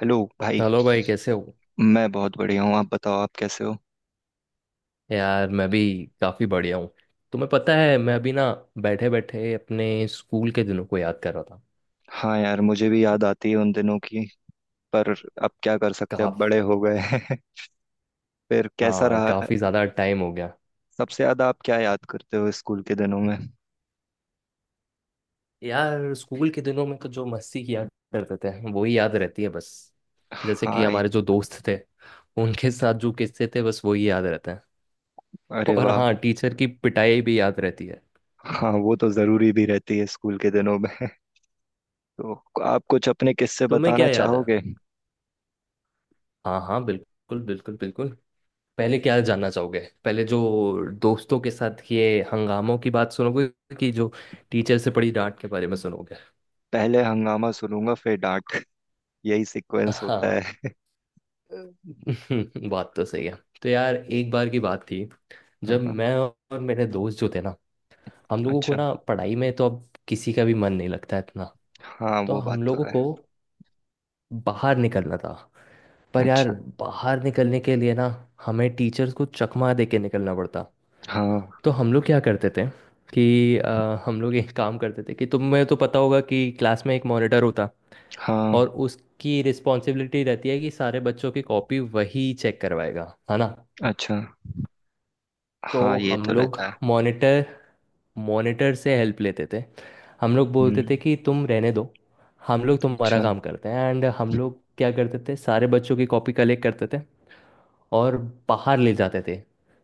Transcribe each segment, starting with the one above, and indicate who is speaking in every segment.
Speaker 1: Hello भाई।
Speaker 2: Hello भाई, कैसे हो?
Speaker 1: मैं बहुत बढ़िया हूँ। आप बताओ आप कैसे हो?
Speaker 2: यार, मैं भी काफ़ी बढ़िया हूँ। तुम्हें पता है, मैं अभी ना बैठे बैठे अपने स्कूल के दिनों को याद कर रहा था।
Speaker 1: हाँ यार मुझे भी याद आती है उन दिनों की। पर अब क्या कर सकते हैं, अब
Speaker 2: काफ
Speaker 1: बड़े हो गए हैं। फिर कैसा
Speaker 2: हाँ,
Speaker 1: रहा?
Speaker 2: काफ़ी ज़्यादा टाइम हो गया।
Speaker 1: सबसे ज्यादा आप क्या याद करते हो स्कूल के दिनों में?
Speaker 2: यार, स्कूल के दिनों में तो जो मस्ती किया करते थे वही याद रहती है बस। जैसे कि
Speaker 1: हाँ ये-
Speaker 2: हमारे जो दोस्त थे, उनके साथ जो किस्से थे बस वही याद रहते हैं।
Speaker 1: अरे
Speaker 2: और
Speaker 1: वाह।
Speaker 2: हाँ, टीचर की पिटाई भी याद रहती है।
Speaker 1: हाँ वो तो जरूरी भी रहती है स्कूल के दिनों में। तो आप कुछ अपने किस्से
Speaker 2: तुम्हें
Speaker 1: बताना
Speaker 2: क्या याद है?
Speaker 1: चाहोगे?
Speaker 2: हाँ हाँ, बिल्कुल बिल्कुल बिल्कुल। पहले क्या जानना चाहोगे? पहले जो दोस्तों के साथ किए हंगामों की बात सुनोगे कि जो टीचर से पड़ी डांट के बारे में सुनोगे?
Speaker 1: पहले हंगामा सुनूंगा फिर डांट। यही सीक्वेंस होता
Speaker 2: हाँ।
Speaker 1: है।
Speaker 2: बात तो सही है। तो यार, एक बार की बात थी। जब
Speaker 1: हाँ।
Speaker 2: मैं और मेरे दोस्त जो थे ना, हम लोगों को
Speaker 1: अच्छा।
Speaker 2: ना पढ़ाई में तो अब किसी का भी मन नहीं लगता इतना।
Speaker 1: हाँ
Speaker 2: तो
Speaker 1: वो बात
Speaker 2: हम
Speaker 1: तो
Speaker 2: लोगों
Speaker 1: है।
Speaker 2: को बाहर निकलना था, पर यार
Speaker 1: अच्छा।
Speaker 2: बाहर निकलने के लिए ना हमें टीचर्स को चकमा दे के निकलना पड़ता।
Speaker 1: हाँ
Speaker 2: तो हम लोग क्या करते थे कि हम लोग एक काम करते थे कि तुम्हें तो पता होगा कि क्लास में एक मॉनिटर होता।
Speaker 1: हाँ।
Speaker 2: और उसकी रिस्पॉन्सिबिलिटी रहती है कि सारे बच्चों की कॉपी वही चेक करवाएगा, है ना।
Speaker 1: अच्छा।
Speaker 2: तो
Speaker 1: हाँ ये
Speaker 2: हम
Speaker 1: तो
Speaker 2: लोग
Speaker 1: रहता है।
Speaker 2: मॉनिटर मॉनिटर से हेल्प लेते थे। हम लोग बोलते थे
Speaker 1: हम्म।
Speaker 2: कि तुम रहने दो, हम लोग तुम्हारा
Speaker 1: अच्छा।
Speaker 2: काम करते हैं। एंड हम लोग क्या करते थे, सारे बच्चों की कॉपी कलेक्ट करते थे और बाहर ले जाते थे।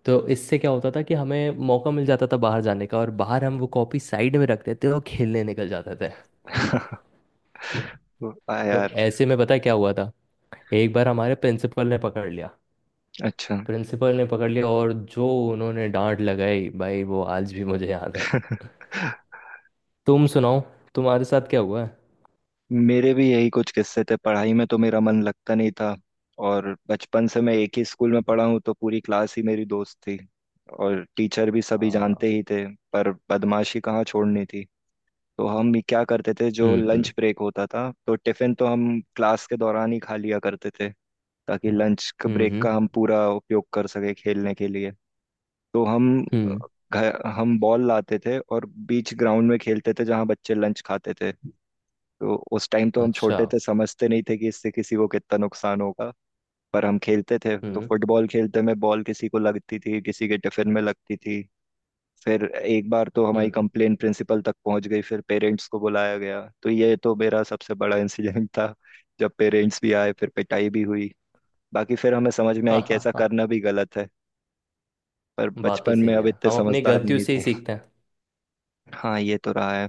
Speaker 2: तो इससे क्या होता था कि हमें मौका मिल जाता था बाहर जाने का, और बाहर हम वो कॉपी साइड में रखते थे और खेलने निकल जाते थे।
Speaker 1: आ
Speaker 2: तो
Speaker 1: यार।
Speaker 2: ऐसे में पता है क्या हुआ था, एक बार हमारे प्रिंसिपल ने पकड़ लिया।
Speaker 1: अच्छा।
Speaker 2: प्रिंसिपल ने पकड़ लिया और जो उन्होंने डांट लगाई भाई वो आज भी मुझे याद है। तुम सुनाओ, तुम्हारे साथ क्या हुआ है?
Speaker 1: मेरे भी यही कुछ किस्से थे, पढ़ाई में तो मेरा मन लगता नहीं था। और बचपन से मैं एक ही स्कूल में पढ़ा हूँ, तो पूरी क्लास ही मेरी दोस्त थी। और टीचर भी सभी जानते
Speaker 2: हाँ।
Speaker 1: ही थे। पर बदमाशी कहाँ छोड़नी थी। तो हम ये क्या करते थे, जो
Speaker 2: हम्म।
Speaker 1: Lunch
Speaker 2: hmm.
Speaker 1: ब्रेक होता था तो टिफिन तो हम क्लास के दौरान ही खा लिया करते थे। ताकि लंच
Speaker 2: हम्म।
Speaker 1: ब्रेक का
Speaker 2: हम्म।
Speaker 1: हम पूरा उपयोग कर सके खेलने के लिए। तो हम अ,
Speaker 2: हम्म।
Speaker 1: घर हम बॉल लाते थे और बीच ग्राउंड में खेलते थे, जहाँ बच्चे लंच खाते थे। तो उस टाइम तो हम
Speaker 2: अच्छा।
Speaker 1: छोटे थे, समझते नहीं थे कि इससे किसी को कितना नुकसान होगा। पर हम खेलते थे, तो
Speaker 2: हम्म।
Speaker 1: फुटबॉल खेलते में बॉल किसी को लगती थी, किसी के टिफिन में लगती थी। फिर एक बार तो हमारी
Speaker 2: हम्म।
Speaker 1: कंप्लेन प्रिंसिपल तक पहुंच गई, फिर पेरेंट्स को बुलाया गया, तो ये तो मेरा सबसे बड़ा इंसिडेंट था। जब पेरेंट्स भी आए फिर पिटाई भी हुई। बाकी फिर हमें समझ में
Speaker 2: हाँ,
Speaker 1: आई कि
Speaker 2: हाँ,
Speaker 1: ऐसा
Speaker 2: हाँ,
Speaker 1: करना भी गलत है। पर
Speaker 2: बात तो
Speaker 1: बचपन में
Speaker 2: सही
Speaker 1: अब
Speaker 2: है,
Speaker 1: इतने
Speaker 2: हम अपनी
Speaker 1: समझदार
Speaker 2: गलतियों
Speaker 1: नहीं।
Speaker 2: से ही सीखते हैं।
Speaker 1: हाँ ये तो रहा है।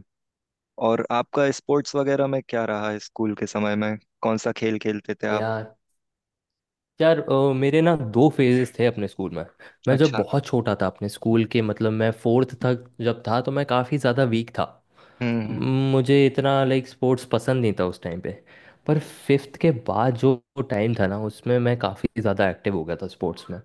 Speaker 1: और आपका स्पोर्ट्स वगैरह में क्या रहा है स्कूल के समय में? कौन सा खेल खेलते थे आप?
Speaker 2: यार। यार, मेरे ना दो फेजेस थे अपने स्कूल में। मैं जब
Speaker 1: अच्छा।
Speaker 2: बहुत छोटा था अपने स्कूल के, मतलब मैं फोर्थ तक जब था तो मैं काफ़ी ज़्यादा वीक था।
Speaker 1: हम्म।
Speaker 2: म, मुझे इतना लाइक स्पोर्ट्स पसंद नहीं था उस टाइम पे। पर फिफ्थ के बाद जो टाइम था ना, उसमें मैं काफ़ी ज़्यादा एक्टिव हो गया था स्पोर्ट्स में।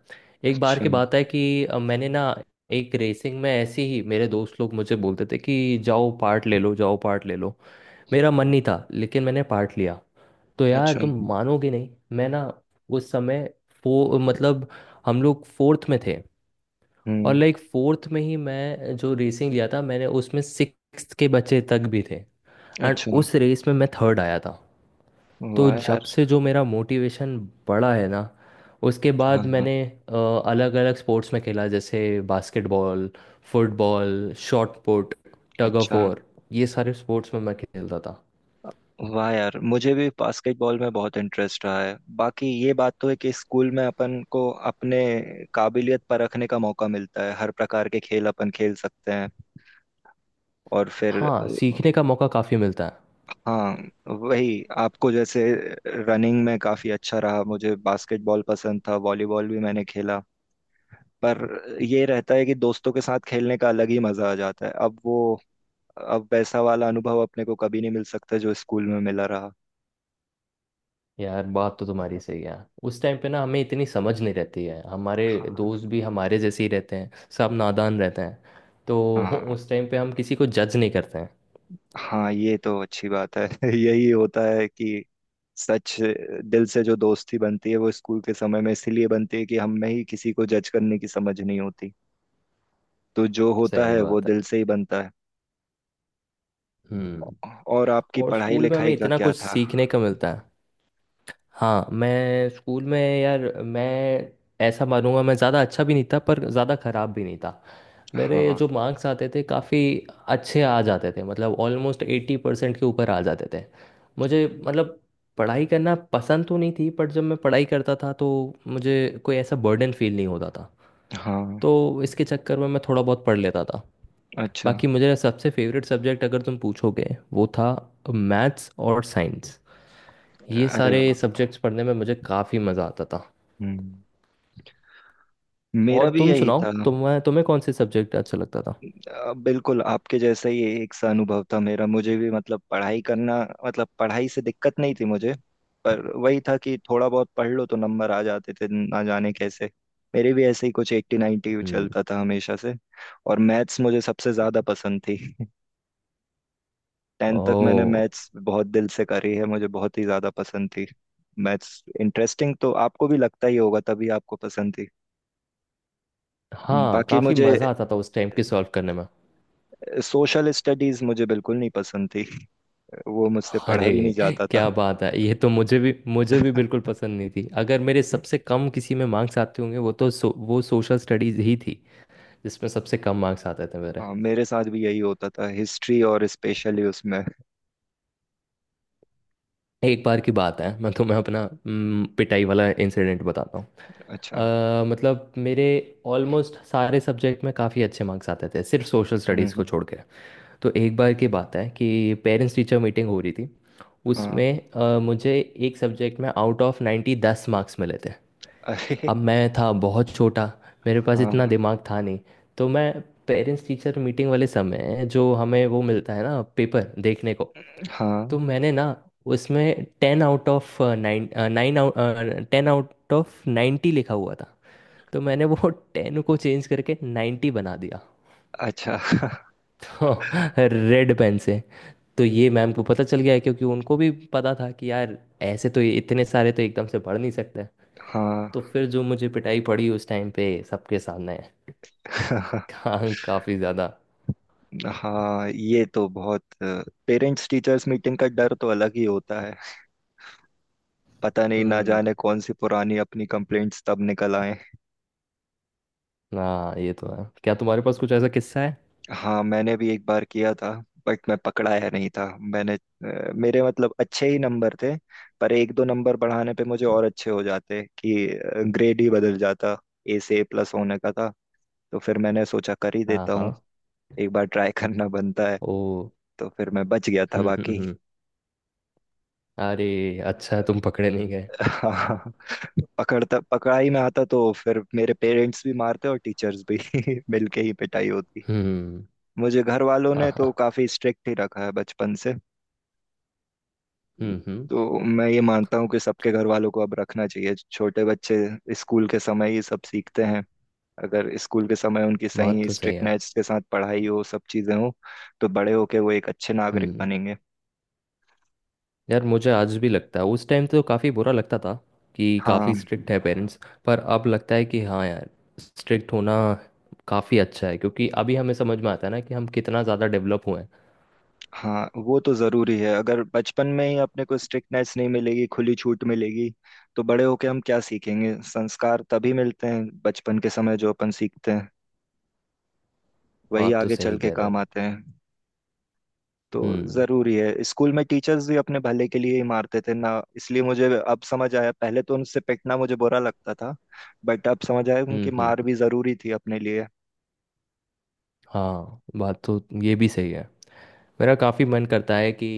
Speaker 2: एक बार
Speaker 1: अच्छा।
Speaker 2: की
Speaker 1: हम्म।
Speaker 2: बात है कि मैंने ना एक रेसिंग में, ऐसे ही मेरे दोस्त लोग मुझे बोलते थे कि जाओ पार्ट ले लो, जाओ पार्ट ले लो। मेरा मन नहीं था लेकिन मैंने पार्ट लिया। तो यार,
Speaker 1: अच्छा।
Speaker 2: तुम मानोगे नहीं। मैं ना उस समय, फो मतलब हम लोग फोर्थ में थे। और
Speaker 1: हम्म।
Speaker 2: लाइक फोर्थ में ही मैं जो रेसिंग लिया था मैंने, उसमें 6 के बच्चे तक भी थे। एंड
Speaker 1: अच्छा।
Speaker 2: उस रेस में मैं थर्ड आया था। तो
Speaker 1: वाह यार।
Speaker 2: जब से जो मेरा मोटिवेशन बढ़ा है ना, उसके
Speaker 1: हाँ
Speaker 2: बाद
Speaker 1: हाँ।
Speaker 2: मैंने अलग अलग स्पोर्ट्स में खेला, जैसे basketball, football, shot put, tug of
Speaker 1: अच्छा।
Speaker 2: वॉर। ये सारे स्पोर्ट्स में मैं खेलता था।
Speaker 1: वाह यार मुझे भी बास्केटबॉल में बहुत इंटरेस्ट रहा है। बाकी ये बात तो है कि स्कूल में अपन को अपने काबिलियत परखने का मौका मिलता है, हर प्रकार के खेल अपन खेल सकते हैं। और फिर
Speaker 2: हाँ, सीखने का मौका काफ़ी मिलता है।
Speaker 1: हाँ वही आपको जैसे रनिंग में काफी अच्छा रहा, मुझे बास्केटबॉल पसंद था, वॉलीबॉल भी मैंने खेला। पर ये रहता है कि दोस्तों के साथ खेलने का अलग ही मजा आ जाता है। अब वो अब वैसा वाला अनुभव अपने को कभी नहीं मिल सकता जो स्कूल में मिला रहा।
Speaker 2: यार, बात तो तुम्हारी सही है। उस टाइम पे ना हमें इतनी समझ नहीं रहती है, हमारे
Speaker 1: हाँ
Speaker 2: दोस्त भी हमारे जैसे ही रहते हैं, सब नादान रहते हैं। तो
Speaker 1: हाँ।
Speaker 2: उस टाइम पे हम किसी को जज नहीं करते हैं।
Speaker 1: हाँ ये तो अच्छी बात है। यही होता है कि सच, दिल से जो दोस्ती बनती है वो स्कूल के समय में इसलिए बनती है कि हम में ही किसी को जज करने की समझ नहीं होती। तो जो होता
Speaker 2: सही
Speaker 1: है वो
Speaker 2: बात है।
Speaker 1: दिल से ही बनता है।
Speaker 2: हम्म।
Speaker 1: और आपकी
Speaker 2: और
Speaker 1: पढ़ाई
Speaker 2: स्कूल में हमें
Speaker 1: लिखाई का
Speaker 2: इतना
Speaker 1: क्या
Speaker 2: कुछ
Speaker 1: था?
Speaker 2: सीखने का मिलता है। हाँ, मैं स्कूल में, यार मैं ऐसा मानूंगा, मैं ज़्यादा अच्छा भी नहीं था पर ज़्यादा ख़राब भी नहीं था। मेरे
Speaker 1: हाँ
Speaker 2: जो मार्क्स आते थे काफ़ी अच्छे आ जाते थे, मतलब ऑलमोस्ट 80% के ऊपर आ जाते थे। मुझे, मतलब पढ़ाई करना पसंद तो नहीं थी, बट जब मैं पढ़ाई करता था तो मुझे कोई ऐसा बर्डन फील नहीं होता था।
Speaker 1: हाँ।
Speaker 2: तो इसके चक्कर में मैं थोड़ा बहुत पढ़ लेता था।
Speaker 1: अच्छा।
Speaker 2: बाकी मुझे सबसे फेवरेट सब्जेक्ट अगर तुम पूछोगे वो था, मैथ्स और साइंस। ये
Speaker 1: अरे
Speaker 2: सारे
Speaker 1: वाह।
Speaker 2: सब्जेक्ट्स पढ़ने में मुझे काफ़ी मज़ा आता था।
Speaker 1: हम्म। मेरा
Speaker 2: और
Speaker 1: भी
Speaker 2: तुम
Speaker 1: यही
Speaker 2: सुनाओ,
Speaker 1: था।
Speaker 2: तुम्हें तुम्हें कौन से सब्जेक्ट अच्छा लगता था?
Speaker 1: बिल्कुल आपके जैसा ही एक सा अनुभव था मेरा, मुझे भी मतलब पढ़ाई करना, मतलब पढ़ाई से दिक्कत नहीं थी मुझे। पर वही था कि थोड़ा बहुत पढ़ लो तो नंबर आ जाते थे, ना जाने कैसे। मेरे भी ऐसे ही कुछ एट्टी नाइन्टी
Speaker 2: हम्म।
Speaker 1: चलता था हमेशा से। और मैथ्स मुझे सबसे ज्यादा पसंद थी। टेंथ तक मैंने
Speaker 2: ओह।
Speaker 1: मैथ्स बहुत दिल से करी है, मुझे बहुत ही ज़्यादा पसंद थी। मैथ्स इंटरेस्टिंग तो आपको भी लगता ही होगा तभी आपको पसंद थी।
Speaker 2: हाँ,
Speaker 1: बाकी
Speaker 2: काफ़ी
Speaker 1: मुझे
Speaker 2: मज़ा आता था उस टाइम के सॉल्व करने में।
Speaker 1: सोशल स्टडीज़ मुझे बिल्कुल नहीं पसंद थी, वो मुझसे पढ़ा
Speaker 2: अरे,
Speaker 1: भी नहीं जाता था।
Speaker 2: क्या बात है, ये तो मुझे भी बिल्कुल पसंद नहीं थी। अगर मेरे सबसे कम किसी में मार्क्स आते होंगे, वो तो वो सोशल स्टडीज़ ही थी। जिसमें सबसे कम मार्क्स आते थे मेरे।
Speaker 1: हाँ मेरे साथ भी यही होता था, हिस्ट्री और स्पेशली उसमें।
Speaker 2: एक बार की बात है, मैं तुम्हें अपना पिटाई वाला इंसिडेंट बताता हूँ।
Speaker 1: अच्छा।
Speaker 2: मतलब मेरे ऑलमोस्ट सारे सब्जेक्ट में काफ़ी अच्छे मार्क्स आते थे, सिर्फ सोशल स्टडीज़ को
Speaker 1: हम्म।
Speaker 2: छोड़ के। तो एक बार की बात है कि पेरेंट्स टीचर मीटिंग हो रही थी।
Speaker 1: हाँ।
Speaker 2: उसमें मुझे एक सब्जेक्ट में आउट ऑफ 90 10 मार्क्स मिले थे।
Speaker 1: अरे।
Speaker 2: अब मैं था बहुत छोटा, मेरे पास इतना
Speaker 1: हाँ
Speaker 2: दिमाग था नहीं। तो मैं पेरेंट्स टीचर मीटिंग वाले समय जो हमें वो मिलता है ना पेपर देखने को।
Speaker 1: हाँ।
Speaker 2: तो मैंने ना उसमें 10 आउट ऑफ 90 लिखा हुआ था, तो मैंने वो 10 को चेंज करके 90 बना दिया।
Speaker 1: अच्छा।
Speaker 2: तो रेड पेन से। तो ये मैम को पता चल गया है, क्योंकि उनको भी पता था कि यार ऐसे तो ये इतने सारे तो एकदम से पढ़ नहीं सकते।
Speaker 1: हाँ।
Speaker 2: तो फिर जो मुझे पिटाई पड़ी उस टाइम पे सबके सामने। काफी ज्यादा।
Speaker 1: हाँ ये तो बहुत पेरेंट्स टीचर्स मीटिंग का डर तो अलग ही होता है। पता नहीं ना जाने
Speaker 2: हम्म।
Speaker 1: कौन सी पुरानी अपनी कंप्लेंट्स तब निकल आए।
Speaker 2: हाँ, ये तो है। क्या तुम्हारे पास कुछ ऐसा किस्सा है?
Speaker 1: हाँ मैंने भी एक बार किया था। बट मैं पकड़ाया नहीं था। मैंने मेरे मतलब अच्छे ही नंबर थे। पर एक दो नंबर बढ़ाने पे मुझे और अच्छे हो जाते, कि ग्रेड ही बदल जाता। ए से ए प्लस होने का था, तो फिर मैंने सोचा कर ही
Speaker 2: हाँ
Speaker 1: देता
Speaker 2: हाँ।
Speaker 1: हूँ। एक बार ट्राई करना बनता है।
Speaker 2: ओ।
Speaker 1: तो फिर मैं बच गया था
Speaker 2: हम्म हम्म
Speaker 1: बाकी।
Speaker 2: हम्म। अरे, अच्छा है तुम पकड़े नहीं गए।
Speaker 1: हाँ पकड़ता पकड़ाई में आता तो फिर मेरे पेरेंट्स भी मारते और टीचर्स भी मिलके ही पिटाई होती।
Speaker 2: हम्म।
Speaker 1: मुझे घर वालों
Speaker 2: हाँ
Speaker 1: ने तो
Speaker 2: हाँ।
Speaker 1: काफी स्ट्रिक्ट ही रखा है बचपन से।
Speaker 2: हम्म।
Speaker 1: तो मैं ये मानता हूँ कि सबके घर वालों को अब रखना चाहिए छोटे बच्चे। स्कूल के समय ये सब सीखते हैं। अगर स्कूल के समय उनकी
Speaker 2: बात
Speaker 1: सही
Speaker 2: तो सही है।
Speaker 1: स्ट्रिक्टनेस के साथ पढ़ाई हो, सब चीजें हो, तो बड़े होके वो एक अच्छे नागरिक
Speaker 2: हम्म।
Speaker 1: बनेंगे।
Speaker 2: यार, मुझे आज भी लगता है, उस टाइम तो काफ़ी बुरा लगता था कि
Speaker 1: हाँ।
Speaker 2: काफ़ी स्ट्रिक्ट है पेरेंट्स। पर अब लगता है कि हाँ यार, स्ट्रिक्ट होना काफ़ी अच्छा है, क्योंकि अभी हमें समझ में आता है ना कि हम कितना ज़्यादा डेवलप हुए हैं।
Speaker 1: हाँ वो तो जरूरी है। अगर बचपन में ही अपने को स्ट्रिक्टनेस नहीं मिलेगी, खुली छूट मिलेगी, तो बड़े होके हम क्या सीखेंगे। संस्कार तभी मिलते हैं, बचपन के समय जो अपन सीखते हैं वही
Speaker 2: बात तो
Speaker 1: आगे
Speaker 2: सही
Speaker 1: चल के
Speaker 2: कह रहे
Speaker 1: काम
Speaker 2: हो।
Speaker 1: आते हैं। तो
Speaker 2: हम्म।
Speaker 1: जरूरी है, स्कूल में टीचर्स भी अपने भले के लिए ही मारते थे ना, इसलिए मुझे अब समझ आया। पहले तो उनसे पिटना मुझे बुरा लगता था। बट अब समझ आया उनकी मार
Speaker 2: हम्म।
Speaker 1: भी जरूरी थी अपने लिए।
Speaker 2: हाँ, बात तो ये भी सही है। मेरा काफ़ी मन करता है कि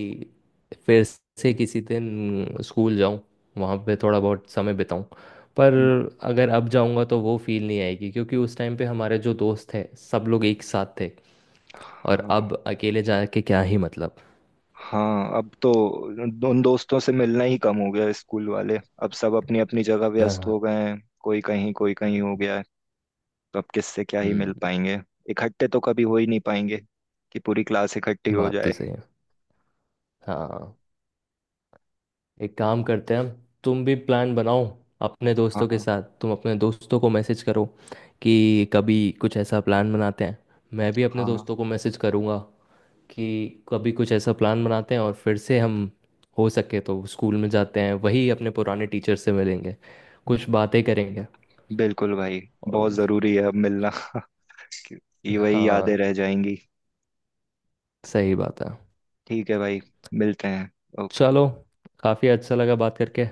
Speaker 2: फिर से किसी दिन स्कूल जाऊं, वहाँ पे थोड़ा बहुत समय बिताऊं। पर अगर अब जाऊंगा तो वो फील नहीं आएगी, क्योंकि उस टाइम पे हमारे जो दोस्त थे सब लोग एक साथ थे। और
Speaker 1: हाँ
Speaker 2: अब अकेले जाके क्या ही मतलब।
Speaker 1: हाँ। अब तो उन उन दोस्तों से मिलना ही कम हो गया, स्कूल वाले अब सब अपनी अपनी जगह व्यस्त
Speaker 2: हाँ।
Speaker 1: हो गए हैं। कोई कहीं हो गया है, तो अब किससे क्या ही मिल
Speaker 2: हम्म।
Speaker 1: पाएंगे। इकट्ठे तो कभी हो ही नहीं पाएंगे कि पूरी क्लास इकट्ठी हो
Speaker 2: बात तो
Speaker 1: जाए।
Speaker 2: सही है। हाँ, एक काम करते हैं। तुम भी प्लान बनाओ अपने दोस्तों के
Speaker 1: हाँ
Speaker 2: साथ, तुम अपने दोस्तों को मैसेज करो कि कभी कुछ ऐसा प्लान बनाते हैं। मैं भी अपने
Speaker 1: हाँ।
Speaker 2: दोस्तों को मैसेज करूँगा कि कभी कुछ ऐसा प्लान बनाते हैं, और फिर से हम हो सके तो स्कूल में जाते हैं, वही अपने पुराने टीचर से मिलेंगे, कुछ बातें करेंगे।
Speaker 1: बिल्कुल भाई। बहुत
Speaker 2: और
Speaker 1: जरूरी है अब मिलना, क्योंकि वही यादें
Speaker 2: हाँ,
Speaker 1: रह जाएंगी।
Speaker 2: सही बात है।
Speaker 1: ठीक है भाई। मिलते हैं। ओके।
Speaker 2: चलो, काफ़ी अच्छा लगा बात करके।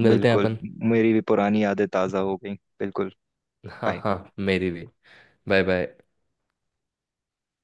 Speaker 2: मिलते हैं
Speaker 1: बिल्कुल।
Speaker 2: अपन।
Speaker 1: मेरी भी पुरानी यादें ताज़ा हो गई। बिल्कुल।
Speaker 2: हाँ
Speaker 1: बाय।
Speaker 2: हाँ, मेरी भी। Bye bye.